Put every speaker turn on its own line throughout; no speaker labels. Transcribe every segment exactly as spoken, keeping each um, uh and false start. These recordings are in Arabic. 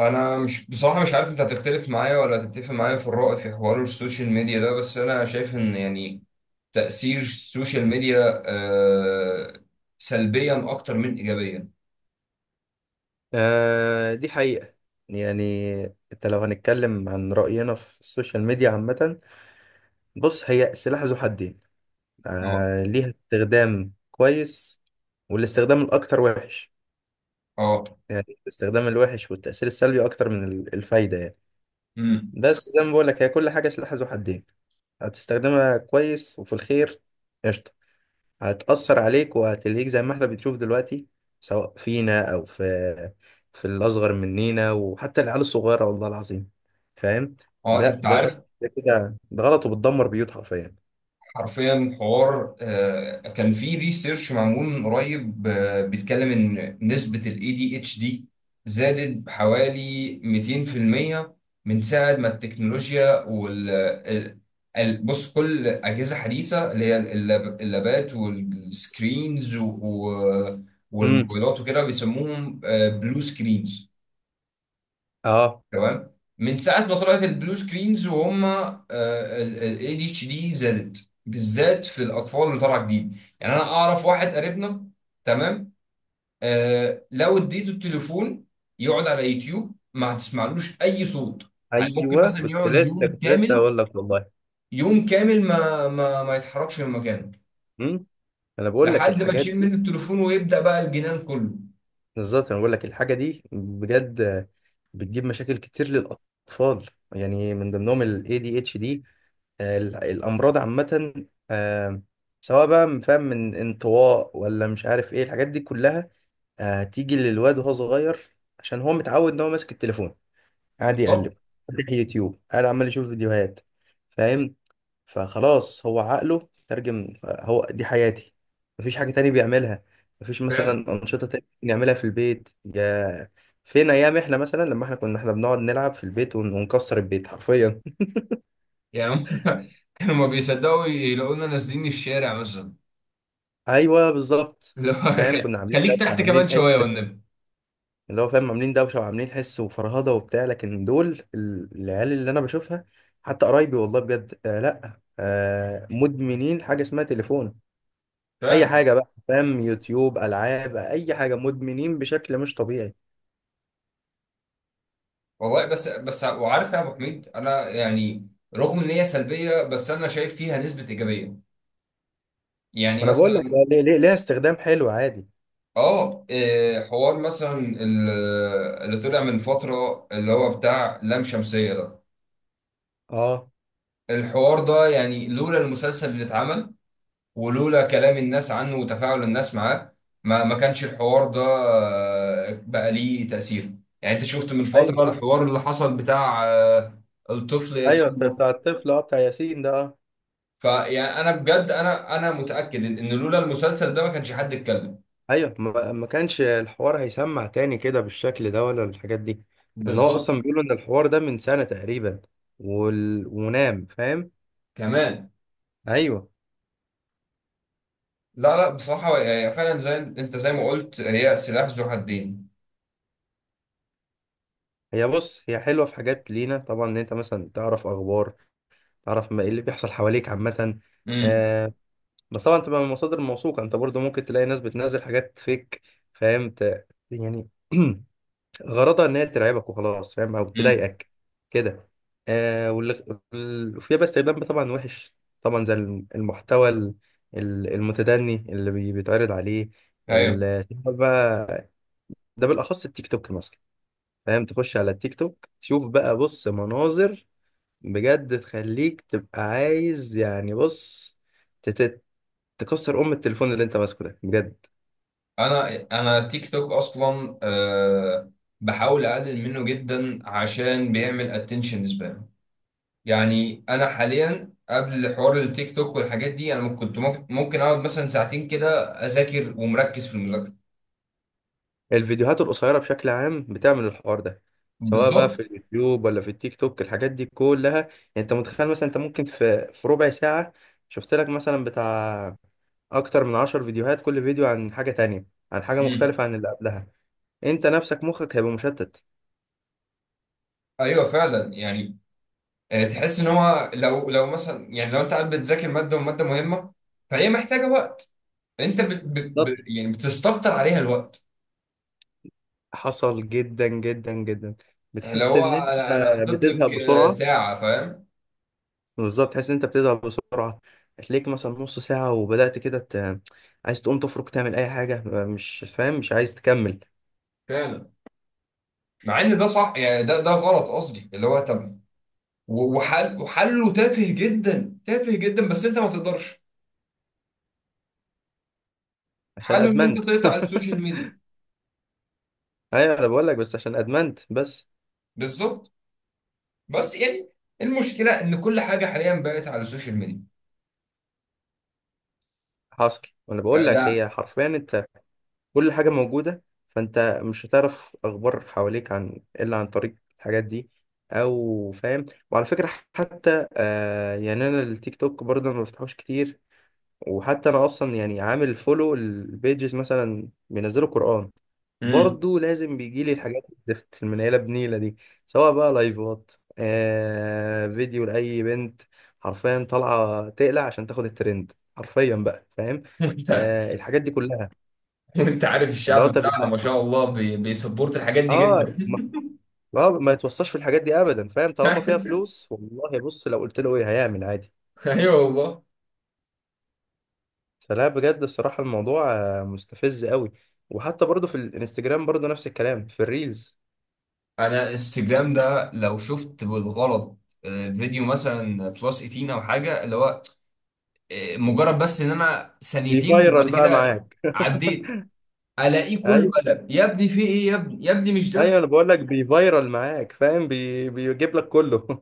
انا مش بصراحه مش عارف انت هتختلف معايا ولا هتتفق معايا في الرأي في حوار السوشيال ميديا ده، بس انا شايف ان يعني تأثير السوشيال ميديا آه سلبيا اكتر من ايجابيا.
آه، دي حقيقة. يعني، انت لو هنتكلم عن رأينا في السوشيال ميديا عامة، بص، هي سلاح ذو حدين.
اه.
آه، ليها استخدام كويس والاستخدام الأكتر وحش.
اه.
يعني الاستخدام الوحش والتأثير السلبي أكتر من ال- الفايدة، يعني.
امم.
بس زي ما بقولك، هي كل حاجة سلاح ذو حدين. هتستخدمها كويس وفي الخير قشطة. هتأثر عليك وهتلهيك زي ما احنا بنشوف دلوقتي، سواء فينا أو في في الأصغر مننا، وحتى العيال الصغيرة، والله العظيم. فاهم؟
اه.
ده
انت
ده طب،
عارف،
ده كده ده غلط وبتدمر بيوت حرفيا.
حرفيا حوار، آه، كان في ريسيرش معمول من قريب، آه، بيتكلم ان نسبة ال إيه دي إتش دي زادت بحوالي مئتين في المية من ساعة ما التكنولوجيا وال ال- ال- بص، كل أجهزة حديثة اللي هي اللاب- اللابات والسكرينز و-
امم.
والموبايلات وكده بيسموهم بلو سكرينز.
اه.
تمام، من ساعه ما طلعت البلو سكرينز وهم الاي دي اتش دي زادت بالذات في الاطفال اللي طالعه جديد. يعني انا اعرف واحد قريبنا، تمام. آه لو اديته التليفون يقعد على يوتيوب، ما هتسمعلوش اي صوت. يعني ممكن
ايوه،
مثلا
كنت
يقعد
لسه
يوم
كنت لسه
كامل،
هقول لك والله.
يوم كامل ما ما ما يتحركش من مكانه
امم. انا بقول لك
لحد ما
الحاجات
تشيل
دي.
منه التليفون ويبدا بقى الجنان كله.
بالظبط، انا بقول لك الحاجه دي بجد. بتجيب مشاكل كتير للاطفال. يعني من ضمنهم ال إيه دي اتش دي، ال- الامراض عامه. آه، سواء بقى فاهم من انطواء ولا مش عارف ايه الحاجات دي كلها. آه، هتيجي للواد وهو صغير عشان هو متعود ان هو ماسك التليفون، قاعد
بالظبط.
يقلب، فاتح يوتيوب، قاعد عمال يشوف فيديوهات. فاهم؟ فخلاص، هو عقله ترجم هو دي حياتي. مفيش حاجه تاني بيعملها. مفيش
فعلا.
مثلا انشطه تانية نعملها في البيت. يا فين ايام احنا، مثلا لما احنا كنا احنا بنقعد نلعب في البيت ون- ونكسر البيت حرفيا.
يعني هم- كانوا ما بيصدقوا يلاقونا نازلين الشارع مثلا،
ايوه، بالظبط.
اللي هو
فاهم،
خ-
كنا عاملين
خليك
دوشه،
تحت
عاملين
كمان
حس.
شويه والنبي.
اللي هو، فاهم، عاملين دوشه وعاملين حس وفرهده وبتاع، لكن دول ال- العيال اللي انا بشوفها حتى قرايبي، والله بجد، آه لا آه، مدمنين حاجه اسمها تليفون. اي
فعلا
حاجه بقى، فاهم، يوتيوب، العاب، اي حاجه، مدمنين بشكل مش طبيعي.
والله. بس بس وعارف يا ابو حميد، انا يعني رغم ان هي سلبيه، بس انا شايف فيها نسبه ايجابيه. يعني
ما انا بقول لك،
مثلا،
آه، ليه ليه ليها استخدام حلو عادي.
اه إيه، حوار مثلا ال- اللي طلع من فتره اللي هو بتاع لام شمسيه ده.
اه،
الحوار ده يعني لولا المسلسل اللي اتعمل، ولولا كلام الناس عنه وتفاعل الناس معاه، ما ما كانش الحوار ده آه، بقى ليه تأثير. يعني انت شفت من
ايوه
فترة
صح.
الحوار اللي حصل بتاع آه، الطفل
ايوه،
ياسين
بتاع
ده.
بتاع الطفل، اه بتاع ياسين ده، آه.
فيعني انا بجد، انا انا متأكد ان إن لولا المسلسل ده ما كانش حد اتكلم.
ايوه، ما ما كانش الحوار هيسمع تاني كده بالشكل ده ولا الحاجات دي، لان هو
بالظبط.
اصلا بيقولوا ان الحوار ده من سنة تقريبا وال... ونام، فاهم.
كمان.
ايوه،
لا لا، بصراحة يعني فعلا زي انت زي ما قلت هي سلاح ذو حدين.
هي بص هي حلوة في حاجات لينا طبعا، ان انت مثلا تعرف اخبار، تعرف ما ايه اللي بيحصل حواليك عامة.
امم.
آه. بس طبعا تبقى من مصادر موثوقة. انت برضو ممكن تلاقي ناس بتنزل حاجات فيك، فاهم، ت... يعني غرضها ان هي ترعبك وخلاص، فاهم، او
امم.
تضايقك كده. آه واللي وال- فيها بقى استخدام طبعا وحش، طبعا زي الم- المحتوى ال- ال- المتدني اللي بي- بيتعرض عليه.
ايوه،
ال- تدخل بقى، ده بالاخص التيك توك مثلا. فاهم، تخش على التيك توك تشوف بقى، بص، مناظر بجد تخليك تبقى عايز، يعني بص، تت- تكسر ام التليفون اللي انت ماسكه ده بجد.
انا انا تيك توك اصلا أه، بحاول اقلل منه جدا عشان بيعمل اتنشن سبان. يعني انا حاليا قبل حوار التيك توك والحاجات دي، انا كنت ممكن، ممكن اقعد مثلا ساعتين كده اذاكر ومركز في المذاكره.
الفيديوهات القصيرة بشكل عام بتعمل الحوار ده، سواء بقى
بالظبط.
في اليوتيوب ولا في التيك توك، الحاجات دي كلها يعني. انت متخيل مثلا، انت ممكن في في ربع ساعة شفت لك مثلا بتاع اكتر من عشر فيديوهات، كل فيديو عن حاجة تانية، عن حاجة
امم.
مختلفة عن اللي قبلها. انت نفسك مخك هيبقى مشتت.
ايوه فعلا يعني، آه، تحس ان هو لو لو مثلا، يعني لو انت قاعد بتذاكر ماده وماده مهمه، فهي محتاجه وقت، انت بت بت بت-
بالظبط.
يعني بتستكتر عليها الوقت.
حصل جدا جدا جدا.
اللي
بتحس
هو
ان انت
انا انا حاطط
بتزهق
لك آه،
بسرعة.
ساعه، فاهم.
بالظبط، تحس ان انت بتزهق بسرعه. هتلاقيك مثلا نص ساعه وبدات كده ت... عايز تقوم تفرك تعمل اي حاجه، مش فاهم، مش عايز تكمل.
فعلا. مع ان ده صح، يعني ده ده غلط قصدي، اللي هو طب و- وحل وحله تافه جدا، تافه جدا، بس انت ما تقدرش،
عشان
حله ان انت
ادمنت
تقطع السوشيال ميديا.
ايوه، انا بقول لك بس عشان ادمنت بس.
بالظبط. بس يعني المشكله ان كل حاجه حاليا بقت على السوشيال ميديا.
حصل، وانا بقول
يعني
لك
ده.
هي حرفيا انت كل حاجه موجوده. فانت مش هتعرف اخبار حواليك عن الا عن طريق الحاجات دي، او فاهم. وعلى فكره، حتى آه يعني انا التيك توك برضه ما بفتحوش كتير. وحتى انا اصلا يعني عامل فولو البيجز مثلا بينزلوا قران،
امم.
برضو لازم بيجي لي الحاجات الزفت المنيله بنيله دي، سواء بقى لايفات، آه، فيديو لاي بنت حرفيا طالعه تقلع عشان تاخد الترند حرفيا بقى، فاهم،
وانت،
آه، الحاجات دي كلها.
وانت عارف
اللي هو
الشعب
طب
بتاعنا ما
يا-
شاء الله، بي... بيسبورت الحاجات دي جدا.
اه ما, آه ما يتوصاش في الحاجات دي ابدا، فاهم، طالما فيها فلوس. والله بص، لو قلت له ايه هيعمل عادي.
ايوه والله.
فلا بجد، الصراحه الموضوع آه، مستفز قوي. وحتى برضو في الانستجرام برضو نفس الكلام في الريلز.
انا انستجرام ده لو شفت بالغلط آه، فيديو مثلا بلس ثمانية عشر او حاجه، اللي هو مجرد بس ان انا ثانيتين
بيفيرال
وبعد
بقى
كده
معاك
عديت، الاقيه
اي
كله قلق، يا ابني في ايه، يا ابني يا ابني مش
ايوه،
ده.
انا بقول لك بيفايرال معاك، فاهم، بي... بيجيب لك كله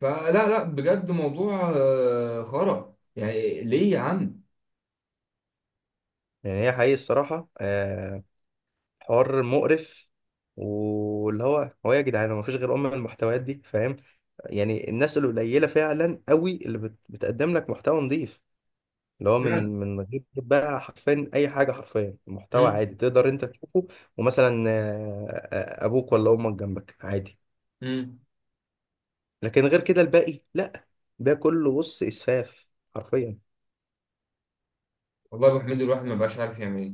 فلا لا، بجد موضوع آه، خرا، يعني ليه يا عم.
يعني هي حقيقي الصراحه، آه حوار مقرف. واللي هو، هو إيه يا جدعان، ما فيش غير ام المحتويات دي، فاهم. يعني الناس القليله فعلا قوي اللي بت... بتقدم لك محتوى نظيف، اللي هو
فعلا.
من من غير بقى حرفيا اي حاجه، حرفيا محتوى
امم.
عادي تقدر انت تشوفه، ومثلا، آه، آه، ابوك ولا امك جنبك عادي.
امم.
لكن غير كده الباقي لا، ده كله بص اسفاف، حرفيا.
والله يا ابو حميد، الواحد ما بقاش عارف يعمل ايه.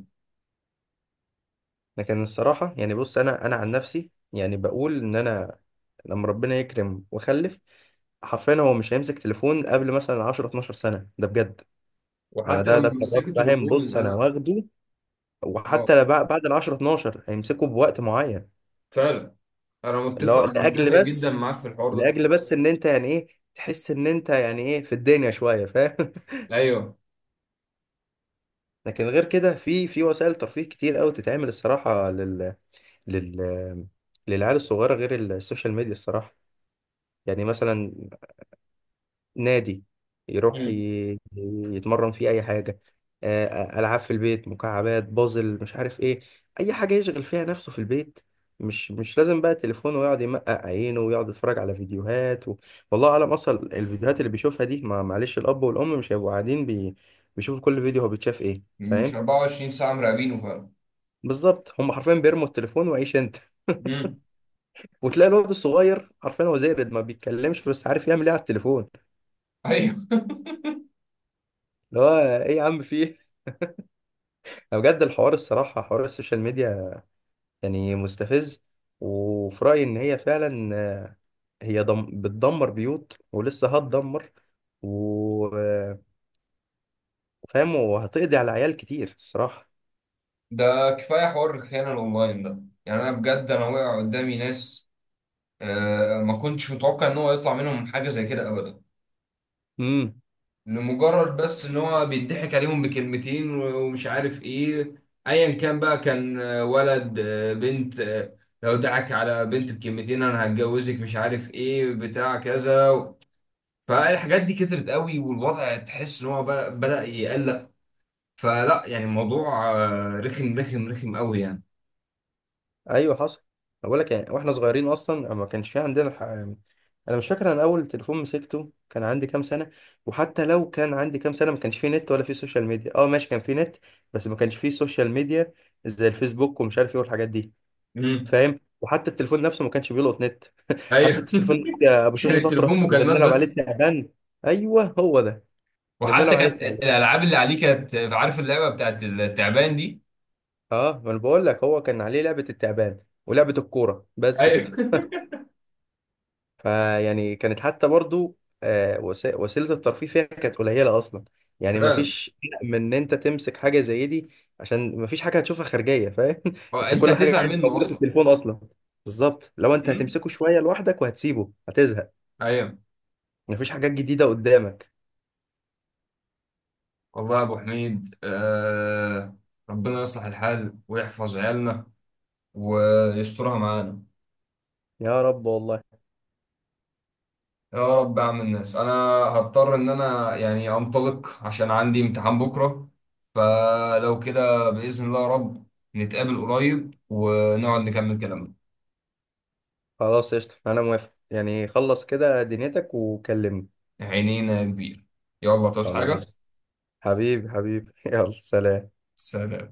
لكن الصراحة، يعني بص، أنا أنا عن نفسي، يعني بقول إن أنا لما ربنا يكرم وأخلف، حرفيا هو مش هيمسك تليفون قبل مثلا عشر اتناشر سنة، ده بجد. أنا
وحتى
ده ده
لما
قرار،
مسكت
فاهم،
التليفون
بص، أنا
انا.
واخده.
اه.
وحتى بع- بعد ال عشر اتناشر هيمسكه بوقت معين،
فعلا انا
اللي هو
متفق،
لأجل
متفق جدا
بس،
معاك في الحوار ده.
لأجل بس إن أنت يعني إيه، تحس إن أنت يعني إيه في الدنيا شوية، فاهم
ايوه.
لكن غير كده، في في وسائل ترفيه كتير أوي تتعمل الصراحة لل لل للعيال الصغيرة غير السوشيال ميديا الصراحة. يعني مثلا نادي يروح
امم.
ي- يتمرن فيه أي حاجة، آه، آه، ألعاب في البيت، مكعبات، بازل، مش عارف إيه، أي حاجة يشغل فيها نفسه في البيت. مش مش لازم بقى تليفونه ويقعد يمقق عينه ويقعد يتفرج على فيديوهات و... والله أعلم أصلا الفيديوهات اللي بيشوفها دي. ما معلش، الأب والأم مش هيبقوا قاعدين بي... بيشوفوا كل فيديو هو بيتشاف إيه،
مش
فاهم.
اربعه وعشرين ساعه مراقبينه فعلا.
بالظبط، هم حرفيا بيرموا التليفون وعيش أنت
امم.
وتلاقي الولد الصغير حرفيا هو زي ما بيتكلمش بس عارف يعمل ايه على التليفون.
ايوه.
اللي هو ايه يا عم، في، بجد الحوار، الصراحة حوار السوشيال ميديا يعني مستفز. وفي رأيي إن هي فعلا، آه، هي دم بتدمر بيوت ولسه هتدمر، وفاهم، وهتقضي على عيال كتير الصراحة.
ده كفاية حوار الخيانة الأونلاين ده، يعني أنا بجد أنا وقع قدامي ناس، آه، ما كنتش متوقع إن هو يطلع منهم حاجة زي كده أبدا.
امم.
لمجرد بس إن هو بيضحك عليهم بكلمتين و- ومش عارف إيه، أيا كان بقى، كان آه، ولد، آه، بنت، آه، لو دعك على بنت بكلمتين أنا هتجوزك مش عارف إيه بتاع كذا. فالحاجات دي كترت قوي، والوضع تحس إن هو بقى بدأ يقلق. فلا يعني الموضوع آه، رخم رخم رخم قوي.
أيوه، حصل. بقول لك يعني واحنا صغيرين أصلا ما كانش في عندنا الح... أنا مش فاكر أنا أول تليفون مسكته كان عندي كام سنة. وحتى لو كان عندي كام سنة ما كانش فيه نت ولا فيه سوشيال ميديا. أه ماشي، كان فيه نت بس ما كانش فيه سوشيال ميديا زي الفيسبوك ومش عارف إيه والحاجات دي،
يعني.
فاهم. وحتى التليفون نفسه ما كانش بيلقط نت عارف انت
ايوه.
التليفون يا ابو
كان
شاشه صفرا
التليفون
اللي
مكالمات
بنلعب عليه
بس.
التعبان؟ ايوه، هو ده اللي
وحتى
بنلعب عليه
كانت
التعبان.
الالعاب اللي عليه، كانت عارف اللعبه بتاعت التعبان دي.
اه، ما انا بقول لك هو كان عليه لعبه التعبان ولعبه الكوره بس
ايوه.
كده. فيعني كانت حتى برضو، آه، وس- وسيله الترفيه فيها كانت قليله اصلا. يعني ما
فعلا.
فيش من ان انت تمسك حاجه زي دي، عشان ما فيش حاجه هتشوفها خارجيه، فاهم
هو
انت
انت
كل
هتزهق
حاجه
منه
موجوده في
اصلا.
التليفون اصلا. بالظبط، لو انت
مم.
هتمسكه شويه لوحدك وهتسيبه هتزهق.
ايوه.
مفيش حاجات جديدة قدامك.
والله يا ابو حميد، آه ربنا يصلح الحال ويحفظ عيالنا ويسترها معانا.
يا رب والله.
يا رب يا عم الناس، انا هضطر ان انا يعني انطلق عشان عندي امتحان بكره، فلو كده باذن الله يا رب نتقابل قريب ونقعد نكمل كلامنا.
خلاص، قشطة، أنا موافق يعني. خلص كده دنيتك وكلمني.
عينينا يا كبير. يلا تعوز حاجة.
خلاص، حبيبي حبيبي يلا سلام.
سلام.